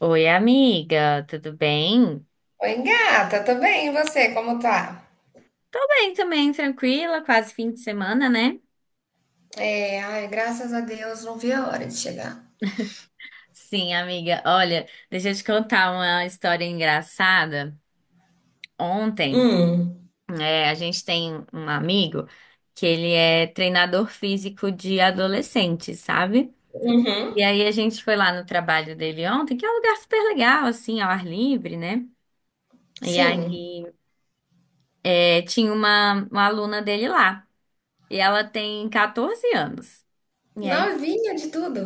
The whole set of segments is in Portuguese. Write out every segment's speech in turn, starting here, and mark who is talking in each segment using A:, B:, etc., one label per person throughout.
A: Oi, amiga, tudo bem?
B: Oi, gata, tudo bem, e você, como tá?
A: Tô bem também, tranquila, quase fim de semana, né?
B: É, ai, graças a Deus, não vi a hora de chegar.
A: Sim, amiga, olha, deixa eu te contar uma história engraçada. Ontem,
B: Hum,
A: a gente tem um amigo que ele é treinador físico de adolescentes, sabe?
B: uhum,
A: E aí a gente foi lá no trabalho dele ontem, que é um lugar super legal, assim, ao ar livre, né? E
B: sim,
A: aí, tinha uma aluna dele lá, e ela tem 14 anos. E aí
B: novinha de tudo.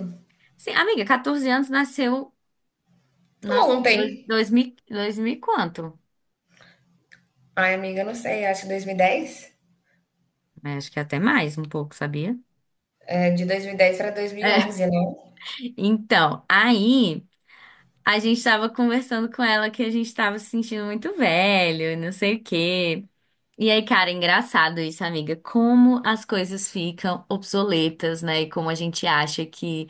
A: sim, amiga, 14 anos, nasceu
B: Ontem.
A: dois mil e quanto?
B: Ai, amiga, não sei, acho que 2010?
A: É, acho que até mais um pouco, sabia?
B: É, de 2010 pra
A: É.
B: 2011, né?
A: Então, aí a gente tava conversando com ela que a gente tava se sentindo muito velho, e não sei o quê. E aí, cara, é engraçado isso, amiga, como as coisas ficam obsoletas, né? E como a gente acha que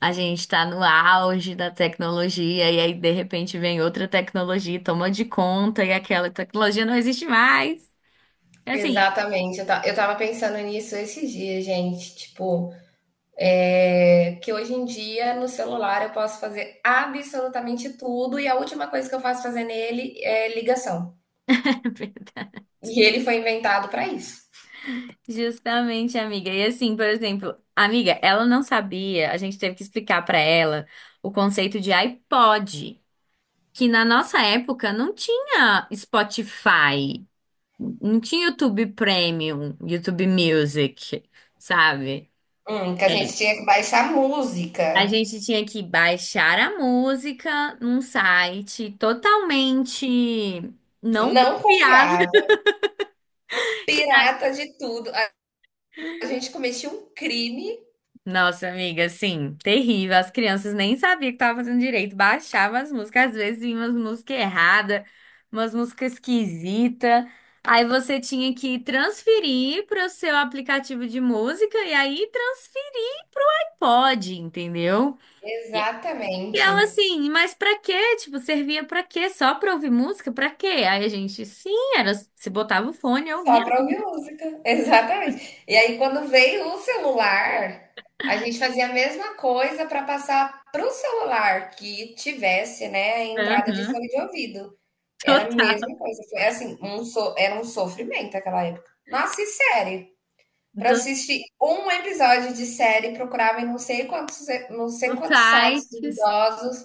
A: a gente tá no auge da tecnologia, e aí de repente vem outra tecnologia, e toma de conta, e aquela tecnologia não existe mais. É. Assim,
B: Exatamente, eu tava pensando nisso esses dias, gente, tipo, que hoje em dia no celular eu posso fazer absolutamente tudo e a última coisa que eu faço fazer nele é ligação. E ele foi inventado pra isso.
A: justamente, amiga. E assim, por exemplo, amiga, ela não sabia, a gente teve que explicar pra ela o conceito de iPod, que na nossa época não tinha Spotify, não tinha YouTube Premium, YouTube Music, sabe?
B: Que a
A: É.
B: gente tinha que baixar
A: A
B: música.
A: gente tinha que baixar a música num site totalmente não
B: Não
A: confiável.
B: confiava. Pirata de tudo. A gente cometia um crime.
A: Nossa, amiga, assim, terrível. As crianças nem sabiam que estava fazendo direito. Baixava as músicas, às vezes vinha umas músicas erradas, umas músicas esquisitas. Aí você tinha que transferir para o seu aplicativo de música e aí transferir pode, entendeu? E
B: Exatamente.
A: ela assim, mas pra quê? Tipo, servia pra quê? Só pra ouvir música? Pra quê? Aí a gente, sim, era, se botava o fone e
B: Só
A: ouvia.
B: pra ouvir música. Exatamente. E aí, quando veio o celular, a gente fazia a mesma coisa para passar pro celular que tivesse, né, a entrada de
A: Aham.
B: fone de ouvido. Era a
A: Total.
B: mesma coisa. Foi assim, um so- Era um sofrimento aquela época. Nossa, e sério. Pra
A: Todos
B: assistir um episódio de série, procurava em não sei quantos, não sei
A: os
B: quantos sites
A: sites.
B: duvidosos,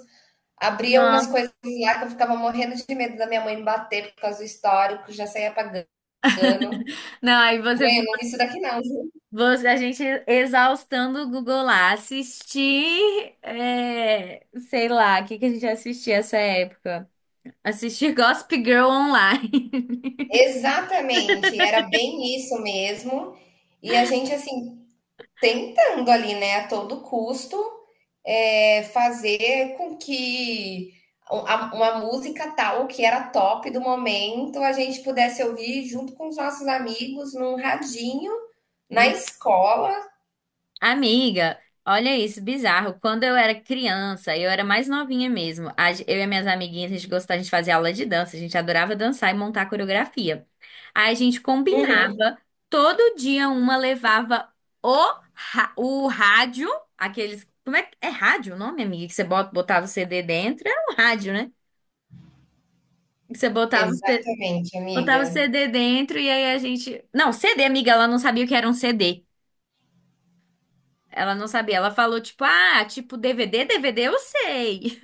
B: abria umas
A: Nossa.
B: coisas lá que eu ficava morrendo de medo da minha mãe me bater por causa do histórico, já saía apagando.
A: Não, aí você.
B: Mãe, eu não vi isso daqui não, viu?
A: A gente exaustando o Google lá, assistir, sei lá, o que que a gente assistia essa época? Assistir Gossip Girl online.
B: Exatamente, era bem isso mesmo. E a gente, assim, tentando ali, né, a todo custo, fazer com que uma música tal que era top do momento a gente pudesse ouvir junto com os nossos amigos num radinho na escola.
A: Amiga, olha isso, bizarro. Quando eu era criança, eu era mais novinha mesmo. Eu e minhas amiguinhas, a gente gostava, a gente fazia aula de dança, a gente adorava dançar e montar coreografia. Aí a gente
B: Uhum.
A: combinava, todo dia uma levava o, o rádio, aqueles. Como é que é rádio o nome, amiga? Que você botava o CD dentro? Era um rádio, né? Que você
B: Exatamente,
A: botava o
B: amiga.
A: CD dentro e aí a gente. Não, CD, amiga, ela não sabia o que era um CD. Ela não sabia. Ela falou, tipo, ah, tipo, DVD, DVD eu sei.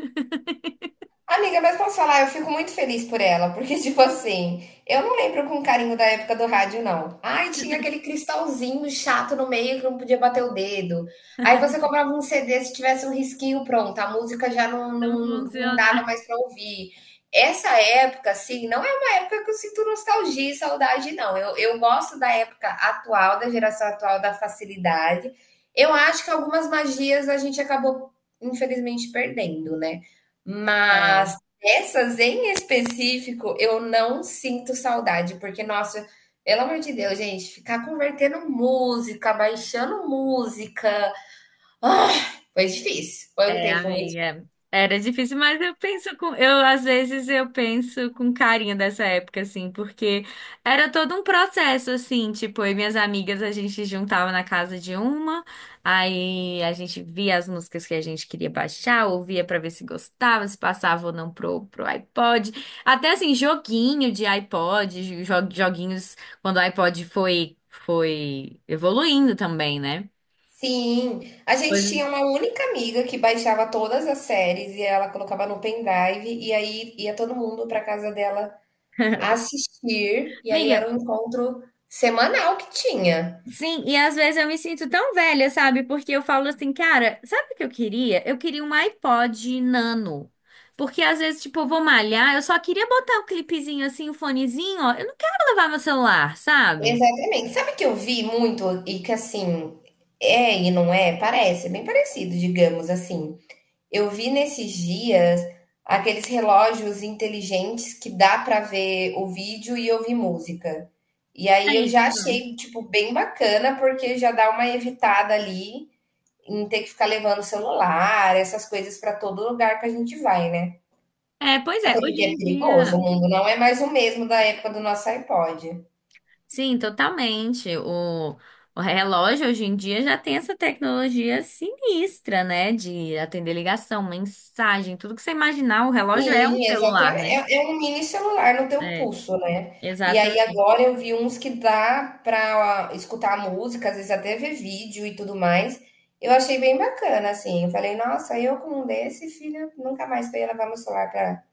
B: Amiga, mas posso falar, eu fico muito feliz por ela, porque, tipo assim, eu não lembro com carinho da época do rádio, não. Ai, tinha aquele cristalzinho chato no meio que não podia bater o dedo. Aí você comprava um CD, se tivesse um risquinho, pronto, a música já
A: Não
B: não
A: funciona.
B: dava mais pra ouvir. Essa época, assim, não é uma época que eu sinto nostalgia e saudade, não. Eu gosto da época atual, da geração atual, da facilidade. Eu acho que algumas magias a gente acabou, infelizmente, perdendo, né?
A: É.
B: Mas essas em específico, eu não sinto saudade, porque, nossa, pelo amor de Deus, gente, ficar convertendo música, baixando música, ah, foi difícil. Foi um
A: É,
B: tempo muito.
A: amiga. Era difícil, mas eu penso com, eu às vezes eu penso com carinho dessa época, assim, porque era todo um processo, assim, tipo, eu e minhas amigas a gente juntava na casa de uma, aí a gente via as músicas que a gente queria baixar, ouvia pra ver se gostava, se passava ou não pro iPod, até assim, joguinho de iPod, joguinhos quando o iPod foi evoluindo também, né?
B: Sim, a gente
A: Pois.
B: tinha uma única amiga que baixava todas as séries e ela colocava no pendrive e aí ia todo mundo para casa dela assistir e aí era
A: Amiga,
B: um encontro semanal que tinha.
A: sim, e às vezes eu me sinto tão velha, sabe? Porque eu falo assim, cara, sabe o que eu queria? Eu queria um iPod Nano. Porque às vezes, tipo, eu vou malhar, eu só queria botar o clipezinho assim, o fonezinho, ó. Eu não quero levar meu celular, sabe?
B: Exatamente. Sabe que eu vi muito e que assim é e não é? Parece, é bem parecido, digamos assim. Eu vi nesses dias aqueles relógios inteligentes que dá pra ver o vídeo e ouvir música. E aí eu
A: Aí,
B: já
A: pronto.
B: achei, tipo, bem bacana, porque já dá uma evitada ali em ter que ficar levando celular, essas coisas pra todo lugar que a gente vai, né?
A: É, pois é,
B: Até
A: hoje
B: porque é
A: em
B: perigoso, o
A: dia.
B: mundo não é mais o mesmo da época do nosso iPod.
A: Sim, totalmente. O relógio hoje em dia já tem essa tecnologia sinistra, né? De atender ligação, mensagem, tudo que você imaginar, o relógio é um
B: Sim,
A: celular,
B: exatamente.
A: né?
B: É, é um mini celular no teu
A: É,
B: pulso, né? E aí
A: exatamente.
B: agora eu vi uns que dá pra escutar música, às vezes até ver vídeo e tudo mais. Eu achei bem bacana, assim. Eu falei, nossa, eu com um desse, filha, nunca mais eu ia levar meu celular pra,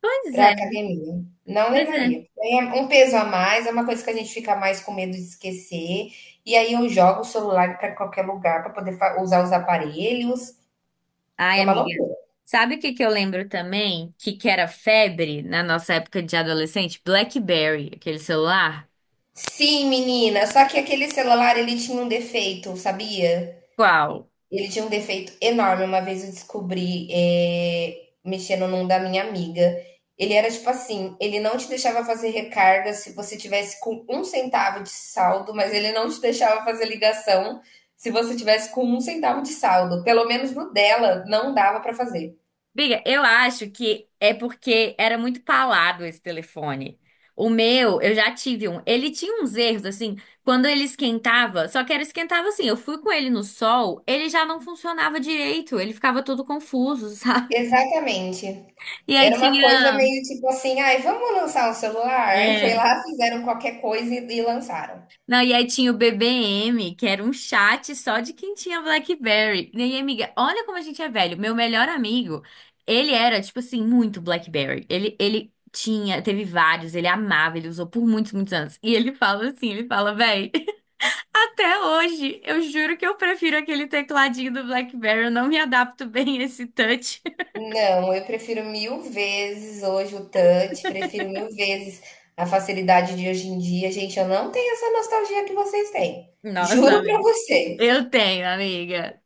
A: Pois
B: pra
A: é.
B: academia. Não
A: Pois é.
B: levaria. É um peso a mais, é uma coisa que a gente fica mais com medo de esquecer. E aí eu jogo o celular pra qualquer lugar pra poder usar os aparelhos. É
A: Ai,
B: uma
A: amiga.
B: loucura.
A: Sabe o que que eu lembro também? Que era febre na nossa época de adolescente? BlackBerry, aquele celular.
B: Sim, menina, só que aquele celular ele tinha um defeito, sabia?
A: Qual?
B: Ele tinha um defeito enorme. Uma vez eu descobri, mexendo num da minha amiga. Ele era tipo assim: ele não te deixava fazer recarga se você tivesse com um centavo de saldo, mas ele não te deixava fazer ligação se você tivesse com um centavo de saldo. Pelo menos no dela, não dava pra fazer.
A: Amiga, eu acho que é porque era muito palado esse telefone. O meu, eu já tive um. Ele tinha uns erros, assim, quando ele esquentava, só que era esquentava assim. Eu fui com ele no sol, ele já não funcionava direito, ele ficava todo confuso, sabe?
B: Exatamente.
A: E aí
B: Era uma coisa
A: tinha.
B: meio tipo assim: ai, vamos lançar um celular? Aí foi
A: É.
B: lá, fizeram qualquer coisa e lançaram.
A: Não, e aí tinha o BBM, que era um chat só de quem tinha BlackBerry. E aí, amiga, olha como a gente é velho. Meu melhor amigo, ele era, tipo assim, muito BlackBerry. Ele tinha, teve vários, ele amava, ele usou por muitos, muitos anos. E ele fala assim, ele fala, véi, até hoje, eu juro que eu prefiro aquele tecladinho do BlackBerry, eu não me adapto bem a esse touch.
B: Não, eu prefiro mil vezes hoje o touch, prefiro mil vezes a facilidade de hoje em dia. Gente, eu não tenho essa nostalgia que vocês têm.
A: Nossa,
B: Juro pra
A: amiga.
B: vocês.
A: Eu tenho, amiga.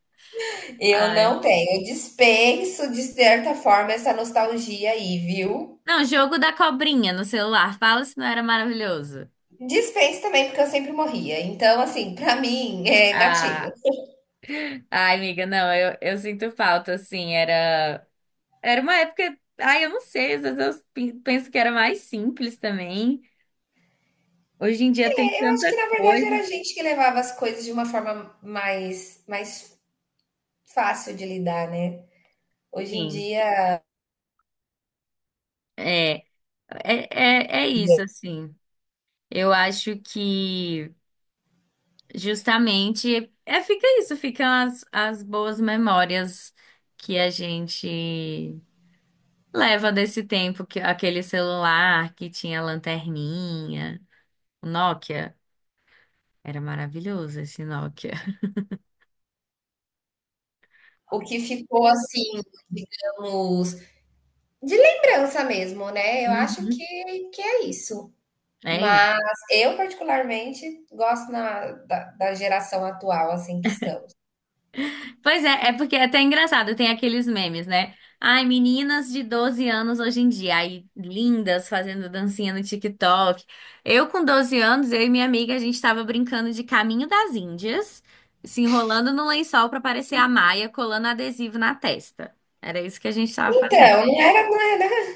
B: Eu
A: Ai.
B: não tenho. Eu dispenso, de certa forma, essa nostalgia aí, viu?
A: Não, jogo da cobrinha no celular. Fala se não era maravilhoso.
B: Dispenso também, porque eu sempre morria. Então, assim, pra mim, é gatilho.
A: Ah. Ai, amiga, não, eu sinto falta, assim, era uma época, ai, eu não sei, às vezes eu penso que era mais simples também, hoje em dia tem
B: É, eu acho que,
A: tanta
B: na verdade,
A: coisa,
B: era a gente que levava as coisas de uma forma mais fácil de lidar, né? Hoje em
A: assim,
B: dia.
A: é, é, é isso, assim, eu acho que justamente, fica isso, ficam as boas memórias que a gente leva desse tempo, que aquele celular que tinha lanterninha, o Nokia, era maravilhoso esse Nokia.
B: O que ficou assim, digamos, de lembrança mesmo, né? Eu acho
A: Uhum.
B: que é isso.
A: É. Isso.
B: Mas eu, particularmente, gosto da geração atual, assim, que estamos.
A: Pois é, é porque é até engraçado, tem aqueles memes, né? Ai, meninas de 12 anos hoje em dia, aí lindas fazendo dancinha no TikTok. Eu com 12 anos, eu e minha amiga, a gente tava brincando de Caminho das Índias, se enrolando no lençol pra parecer a Maia, colando adesivo na testa. Era isso que a gente tava fazendo.
B: Então,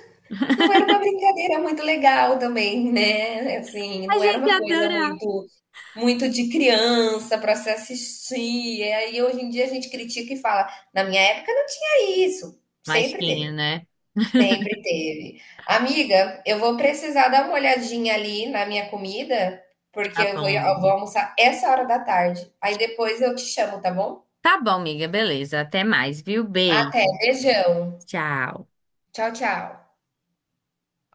B: não era uma brincadeira muito legal também, né? Assim,
A: A
B: não era
A: gente
B: uma coisa
A: adorava.
B: muito, muito de criança para se assistir. E aí, hoje em dia, a gente critica e fala, na minha época não tinha isso.
A: Mas
B: Sempre
A: tinha,
B: teve.
A: né?
B: Sempre teve. Amiga, eu vou precisar dar uma olhadinha ali na minha comida, porque
A: Tá bom,
B: eu vou
A: amiga.
B: almoçar essa hora da tarde. Aí depois eu te chamo, tá bom?
A: Tá bom, amiga, beleza. Até mais, viu?
B: Até,
A: Beijo.
B: beijão.
A: Tchau.
B: Tchau, tchau.